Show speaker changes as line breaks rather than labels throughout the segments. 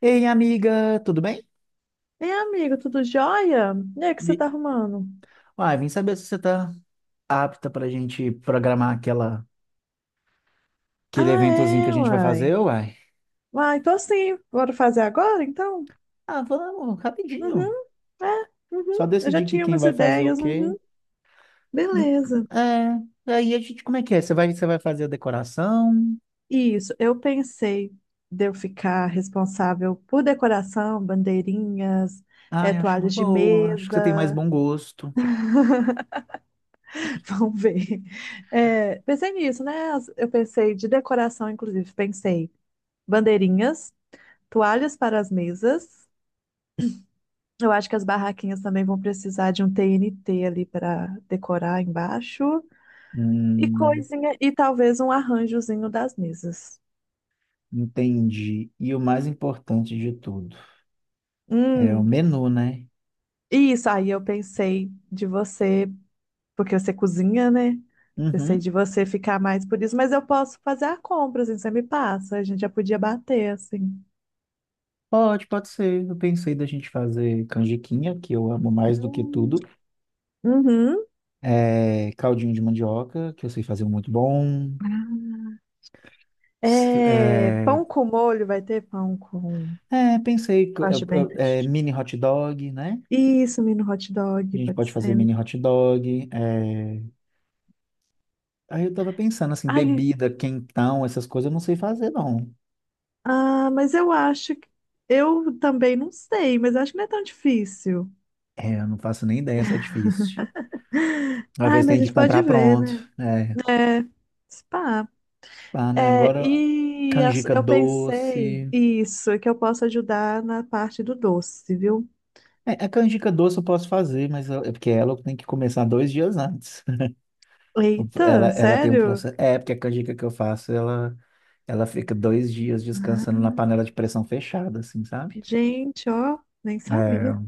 Ei, amiga, tudo bem?
Ei, amigo, tudo jóia? E aí, o que você
E-
tá arrumando?
Uai, vim saber se você tá apta pra gente programar aquele
Ah,
eventozinho que a
é,
gente vai fazer,
uai.
uai.
Uai, tô sim. Bora fazer agora, então?
Ah, vamos, rapidinho.
Uhum, é,
Só
uhum. Eu já
decidir que
tinha
quem
umas
vai fazer o
ideias,
quê.
uhum.
Hum,
Beleza.
É, aí a gente, como é que é? Você vai fazer a decoração?
Isso, eu pensei de eu ficar responsável por decoração, bandeirinhas,
Ai, acho uma
toalhas de
boa, acho que você tem mais
mesa.
bom gosto.
Vamos ver. É, pensei nisso, né? As- Eu pensei de decoração, inclusive. Pensei bandeirinhas, toalhas para as mesas. Eu acho que as barraquinhas também vão precisar de um TNT ali para decorar embaixo e
Hum,
coisinha e talvez um arranjozinho das mesas.
Entendi. E o mais importante de tudo é o
Hum,
menu, né?
isso aí eu pensei de você, porque você cozinha, né? Pensei
Uhum.
de você ficar mais por isso, mas eu posso fazer a compra, assim, você me passa, a gente já podia bater, assim.
Pode ser. Eu pensei da gente fazer canjiquinha, que eu amo mais do que
Hum.
tudo.
Uhum.
É, caldinho de mandioca, que eu sei fazer um muito bom.
Ah,
S-
é,
É,
pão com molho, vai ter pão com.
é, pensei,
Eu
co-
acho bem
é,
festivo.
mini hot dog, né?
Isso, mini hot
A
dog,
gente
pode
pode fazer
ser.
mini hot dog. É. Aí eu tava pensando assim,
Ai,
bebida, quentão, essas coisas eu não sei fazer, não.
ah, mas eu acho que. Eu também não sei, mas acho que não é tão difícil.
É, eu não faço nem ideia se é difícil. Às
Ai,
vezes tem
mas a
que
gente pode
comprar
ver,
pronto.
né?
É,
É, spa.
pá, né?
É,
Agora,
e as-
canjica
eu pensei,
doce.
isso, é que eu posso ajudar na parte do doce, viu?
É, a canjica doce eu posso fazer, mas é porque ela eu tenho que começar 2 dias antes. O Ela,
Eita,
ela tem um
sério?
processo. É, porque a canjica que eu faço, ela fica 2 dias descansando na panela de pressão fechada, assim, sabe?
Gente, ó, nem
É,
sabia.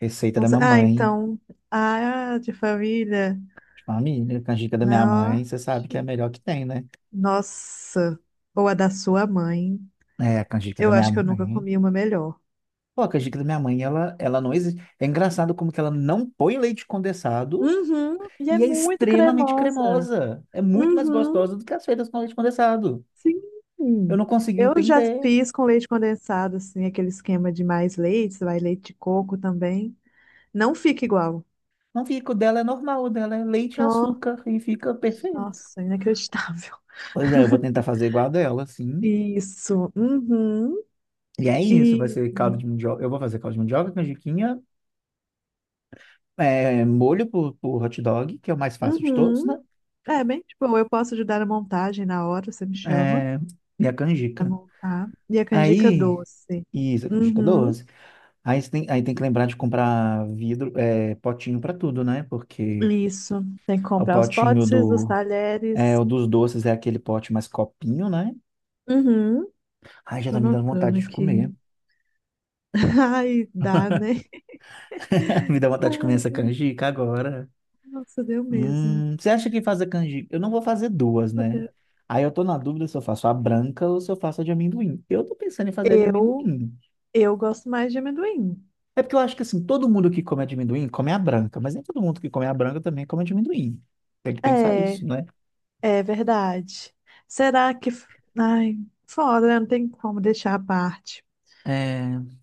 receita
Não
da
sa- Ah,
mamãe,
então, a de família,
de família, canjica da minha
não, ó,
mãe, você sabe que é a melhor que tem, né?
nossa, ou a da sua mãe.
É, a canjica da
Eu
minha
acho que eu nunca
mãe.
comi uma melhor.
Pô, a canjica da minha mãe, ela não existe. É engraçado como que ela não põe leite condensado
Uhum, e é
e é
muito
extremamente
cremosa.
cremosa. É muito mais
Uhum,
gostosa do que as feitas com leite condensado. Eu
sim.
não consigo
Eu já
entender.
fiz com leite condensado, assim, aquele esquema de mais leite, vai leite de coco também. Não fica igual.
Não fica, o dela é normal, o dela é leite e
Oh,
açúcar e fica perfeito.
nossa, inacreditável.
Pois é, eu vou tentar fazer igual a dela, assim.
Isso. Uhum.
E é isso, vai
E
ser caldo de mandioca. Eu vou fazer caldo de mandioca, canjiquinha, é, molho por hot dog, que é o mais fácil de todos, né?
uhum. É bem, tipo, eu posso ajudar na montagem na hora, você me chama
É, e a
pra
canjica.
montar. E a canjica
Aí,
doce.
isso, a canjica
Uhum.
doce. Aí, você tem, aí tem que lembrar de comprar vidro, é, potinho para tudo, né? Porque
Isso. Tem que
o
comprar os
potinho
potes, os
do, é,
talheres.
o dos doces é aquele pote mais copinho, né?
Uhum.
Ai, já
Tô
tá me dando
anotando
vontade de
aqui.
comer.
Ai, dá, né?
Me dá vontade de comer essa
Ai,
canjica agora.
nossa, deu mesmo.
Você acha que fazer canjica? Eu não vou fazer duas, né? Aí eu tô na dúvida se eu faço a branca ou se eu faço a de amendoim. Eu tô pensando em fazer a de
Eu,
amendoim.
eu gosto mais de amendoim.
É porque eu acho que assim, todo mundo que come a de amendoim come a branca, mas nem todo mundo que come a branca também come a de amendoim. Tem que pensar
É,
isso, né?
é verdade. Será que. F- Ai, foda, né? Não tem como deixar à parte.
É, eu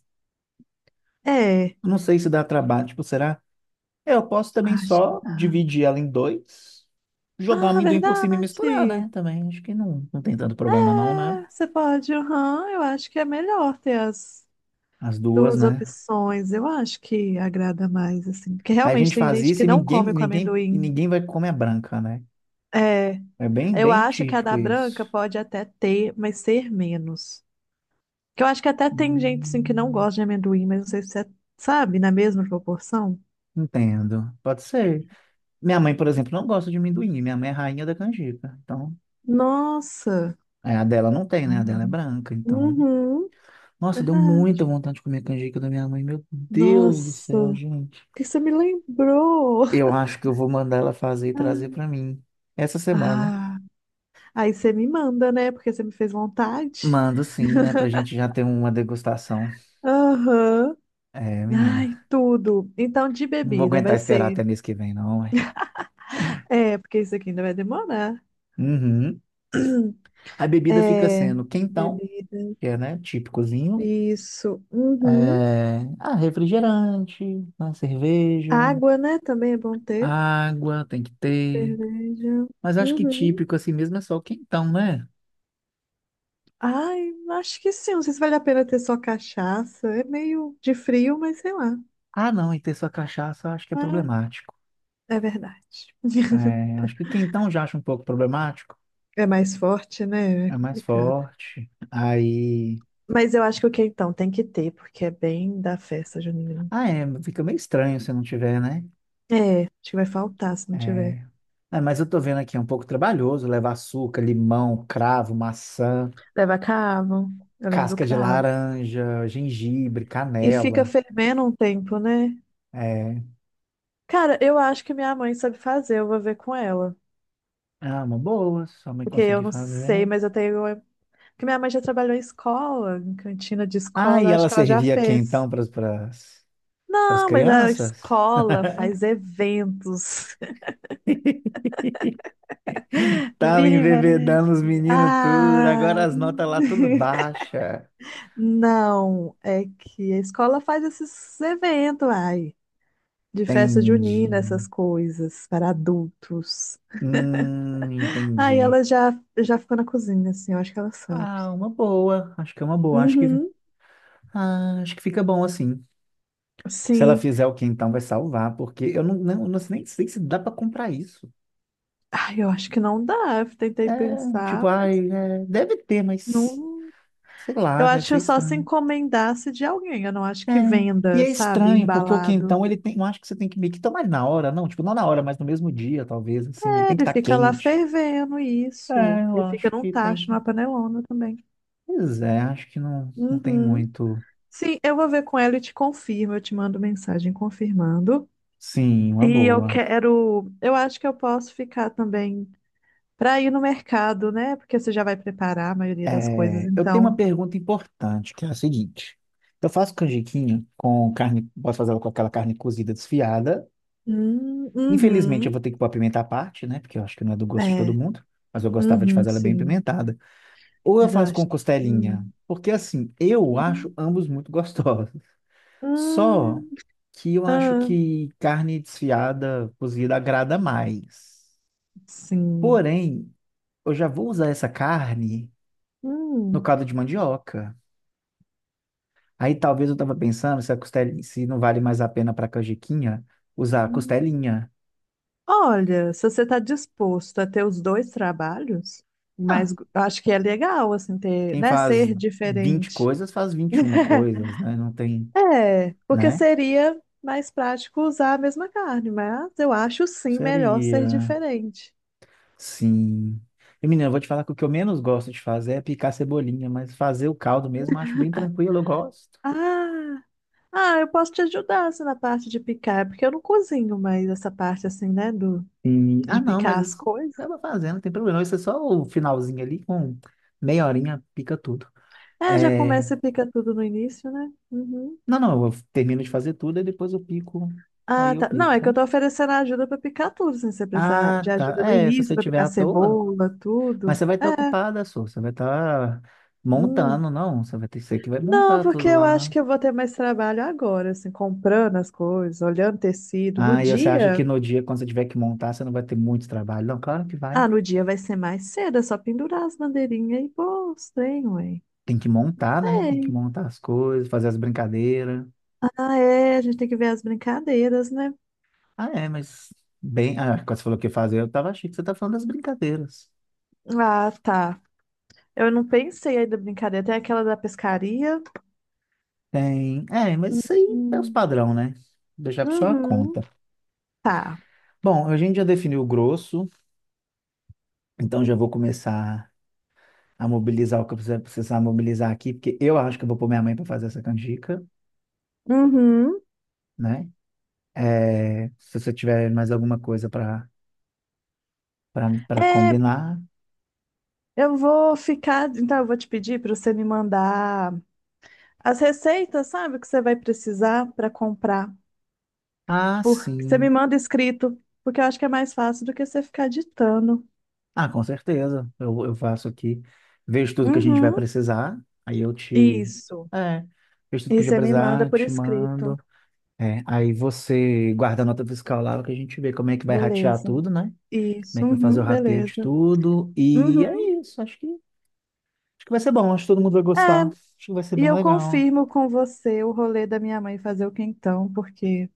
É,
não sei se dá trabalho, tipo, será? É, eu posso também
acho que.
só dividir ela em dois, jogar o
Ah,
amendoim por cima e misturar,
verdade.
né? Também acho que não, não tem tanto problema não, né?
É, você pode, aham, eu acho que é melhor ter as
As duas,
duas
né?
opções. Eu acho que agrada mais, assim. Porque
Aí a
realmente
gente
tem
faz
gente
isso
que
e
não
ninguém,
come com
ninguém, e
amendoim.
ninguém vai comer a branca, né?
É.
É bem,
Eu
bem
acho que a
típico
da
isso.
branca pode até ter, mas ser menos. Que eu acho que até tem gente assim que não
Hum,
gosta de amendoim, mas não sei se é, sabe, na mesma proporção.
Entendo. Pode ser. Minha mãe, por exemplo, não gosta de amendoim. Minha mãe é rainha da canjica. Então,
Nossa!
é, a dela não tem, né? A dela é branca. Então,
Uhum,
nossa, deu muita
verdade.
vontade de comer a canjica da minha mãe. Meu Deus do
Nossa,
céu,
o
gente.
que você me lembrou?
Eu acho que eu vou mandar ela fazer e trazer
Ah,
pra mim essa semana.
ah, aí você me manda, né? Porque você me fez vontade.
Mando sim, né? Pra gente já ter uma degustação.
Aham.
É, menina.
Ai, tudo. Então, de
Não vou
bebida
aguentar
vai
esperar
ser.
até mês que vem, não, ué.
É, porque isso aqui ainda vai demorar.
Uhum. A bebida fica
É,
sendo quentão,
bebida.
que é, né, típicozinho.
Isso. Uhum.
É, ah, refrigerante, né, cerveja,
Água, né? Também é bom ter.
água tem que ter.
Cerveja.
Mas acho que
Uhum.
típico assim mesmo é só o quentão, né?
Ai, acho que sim. Não sei se vale a pena ter só cachaça. É meio de frio, mas sei lá.
Ah, não, e ter só cachaça eu acho que é
Ah,
problemático.
é verdade.
É, acho que quentão já acho um pouco problemático.
É mais forte, né? É
É mais
complicado.
forte. Aí.
Mas eu acho que o quentão tem que ter, porque é bem da festa junina.
Ah, é, fica meio estranho se não tiver, né?
É, acho que vai faltar se não tiver.
É, é, mas eu tô vendo aqui, é um pouco trabalhoso levar açúcar, limão, cravo, maçã,
Leva cravo. Eu lembro do
casca de
cravo.
laranja, gengibre,
E fica
canela.
fervendo um tempo, né?
É,
Cara, eu acho que minha mãe sabe fazer, eu vou ver com ela.
ah, uma boa, se sua mãe
Porque eu
conseguir
não
fazer.
sei, mas eu tenho. É, porque minha mãe já trabalhou em escola, em cantina de
Ah,
escola,
e
eu acho
ela
que ela já
servia aqui
fez.
então para as
Não, mas a
crianças?
escola faz eventos.
Tava
Vira e mexe.
embebedando os meninos tudo, agora
Ah!
as notas lá tudo baixa.
Não, é que a escola faz esses eventos, ai, de festa junina, essas
Entendi.
coisas, para adultos. Aí
Entendi.
ela já, já ficou na cozinha, assim, eu acho que ela sabe.
Ah, uma boa. Acho que é uma boa. Acho que,
Uhum.
ah, acho que fica bom assim. Se ela
Sim.
fizer o quentão, vai salvar, porque eu não sei nem sei se dá para comprar isso.
Ai, eu acho que não dá. Eu tentei
É,
pensar,
tipo, ai,
mas
é, deve ter, mas
não.
sei
Eu
lá, deve
acho que
ser
é só se
estranho.
encomendasse de alguém. Eu não acho
É.
que
E
venda,
é
sabe?
estranho, porque o
Embalado.
quentão, ele tem. Eu acho que você tem que meio que tomar ele na hora, não? Tipo, não na hora, mas no mesmo dia, talvez, assim. Ele
É,
tem que
ele
estar
fica lá
quente.
fervendo isso.
É, eu
Ele fica
acho
num
que tem
tacho,
que.
numa panelona também.
Pois é, acho que não, não tem
Uhum.
muito.
Sim, eu vou ver com ela e te confirmo. Eu te mando mensagem confirmando.
Sim, uma
E eu
boa.
quero. Eu acho que eu posso ficar também para ir no mercado, né? Porque você já vai preparar a maioria das coisas,
É, eu tenho uma
então.
pergunta importante, que é a seguinte. Eu faço canjiquinha com carne. Posso fazer ela com aquela carne cozida desfiada. Infelizmente, eu
Uhum.
vou ter que pôr a pimenta à parte, né? Porque eu acho que não é do gosto de todo
É.
mundo. Mas eu gostava de
Uhum,
fazer ela bem
sim.
pimentada. Ou eu faço com
Exausto.
costelinha?
Hum.
Porque assim, eu
Hum.
acho ambos muito gostosos. Só
Hum.
que eu acho
Ah,
que carne desfiada, cozida, agrada mais.
sim.
Porém, eu já vou usar essa carne no
Hum.
caldo de mandioca. Aí talvez eu tava pensando se a costelinha, se não vale mais a pena para canjiquinha usar a
Hum.
costelinha.
Olha, se você está disposto a ter os dois trabalhos, mas
Ah,
eu acho que é legal, assim, ter,
quem
né,
faz
ser
20
diferente.
coisas faz 21 coisas, né? Não tem,
É, porque
né?
seria mais prático usar a mesma carne, mas eu acho sim melhor ser
Seria.
diferente.
Sim. E, menina, eu vou te falar que o que eu menos gosto de fazer é picar cebolinha, mas fazer o caldo mesmo eu acho bem tranquilo, eu gosto.
Ah, ah, eu posso te ajudar assim, na parte de picar, porque eu não cozinho mais essa parte assim, né, do,
E,
de
ah, não,
picar
mas
as
isso
coisas.
acaba fazendo, não tem problema. Isso é só o finalzinho ali, com meia horinha, pica tudo.
É, já
É.
começa e pica tudo no início, né? Uhum.
Não, não, eu termino de fazer tudo e depois eu pico. Aí
Ah,
eu
tá. Não,
pico,
é que eu
sabe?
tô oferecendo ajuda pra picar tudo, sem você precisar
Ah,
de
tá.
ajuda no
É, se
início,
você
pra
tiver
picar
à toa,
cebola,
mas
tudo.
você vai estar ocupada, só. Você vai estar
Hum.
montando, não. Você que vai
Não,
montar
porque
tudo
eu acho
lá.
que eu vou ter mais trabalho agora, assim, comprando as coisas, olhando tecido. No
Ah, e você acha que
dia.
no dia, quando você tiver que montar, você não vai ter muito trabalho? Não, claro que vai.
Ah, no dia vai ser mais cedo, é só pendurar as bandeirinhas e pô, os trem, ué.
Tem que montar, né? Tem que
Sei.
montar as coisas, fazer as brincadeiras.
Ah, é, a gente tem que ver as brincadeiras, né?
Ah, é, mas bem. Ah, quando você falou que ia fazer, eu tava achando que você tá falando das brincadeiras.
Ah, tá. Eu não pensei aí da brincadeira. Tem aquela da pescaria.
Tem. É, mas isso aí é os
Hum.
padrão, né? Deixar pra sua conta.
Uhum, tá.
Bom, a gente já definiu o grosso, então já vou começar a mobilizar o que eu precisar mobilizar aqui, porque eu acho que eu vou pôr minha mãe para fazer essa canjica,
Uhum.
né? É, se você tiver mais alguma coisa para
É,
combinar.
eu vou ficar. Então, eu vou te pedir para você me mandar as receitas, sabe, que você vai precisar para comprar.
Ah,
Porque você
sim.
me manda escrito, porque eu acho que é mais fácil do que você ficar ditando.
Ah, com certeza. Eu faço aqui. Vejo tudo que a gente vai
Uhum.
precisar. Aí eu te.
Isso.
É. Vejo tudo que
E
a gente
você
vai
me manda
precisar,
por
te mando.
escrito.
É. Aí você guarda a nota fiscal lá, que a gente vê como é que vai ratear
Beleza.
tudo, né? Como é
Isso.
que vai fazer o
Uhum,
rateio de
beleza.
tudo. E
Uhum.
é isso. Acho que vai ser bom. Acho que todo mundo vai
É,
gostar. Acho que vai ser
e
bem
eu
legal.
confirmo com você o rolê da minha mãe fazer o quentão, porque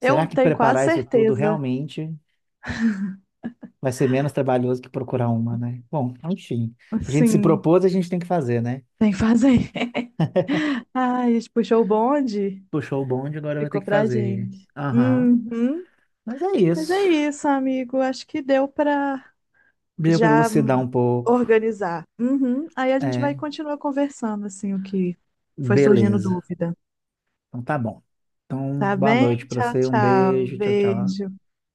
Será
eu
que
tenho quase
preparar isso tudo
certeza.
realmente vai ser menos trabalhoso que procurar uma, né? Bom, enfim. A gente se
Sim.
propôs, a gente tem que fazer, né?
Tem que fazer. Ai, a gente puxou o bonde,
Puxou o bonde, agora vai ter
ficou
que
pra
fazer.
gente.
Aham.
Uhum.
Mas é
Mas é
isso.
isso, amigo. Acho que deu pra
Deu para
já
elucidar um pouco.
organizar. Uhum. Aí a gente vai
É,
continuar conversando, assim, o que foi surgindo
beleza.
dúvida.
Então tá bom. Então,
Tá
boa noite
bem?
para
Tchau,
você. Um
tchau.
beijo. Tchau, tchau.
Beijo.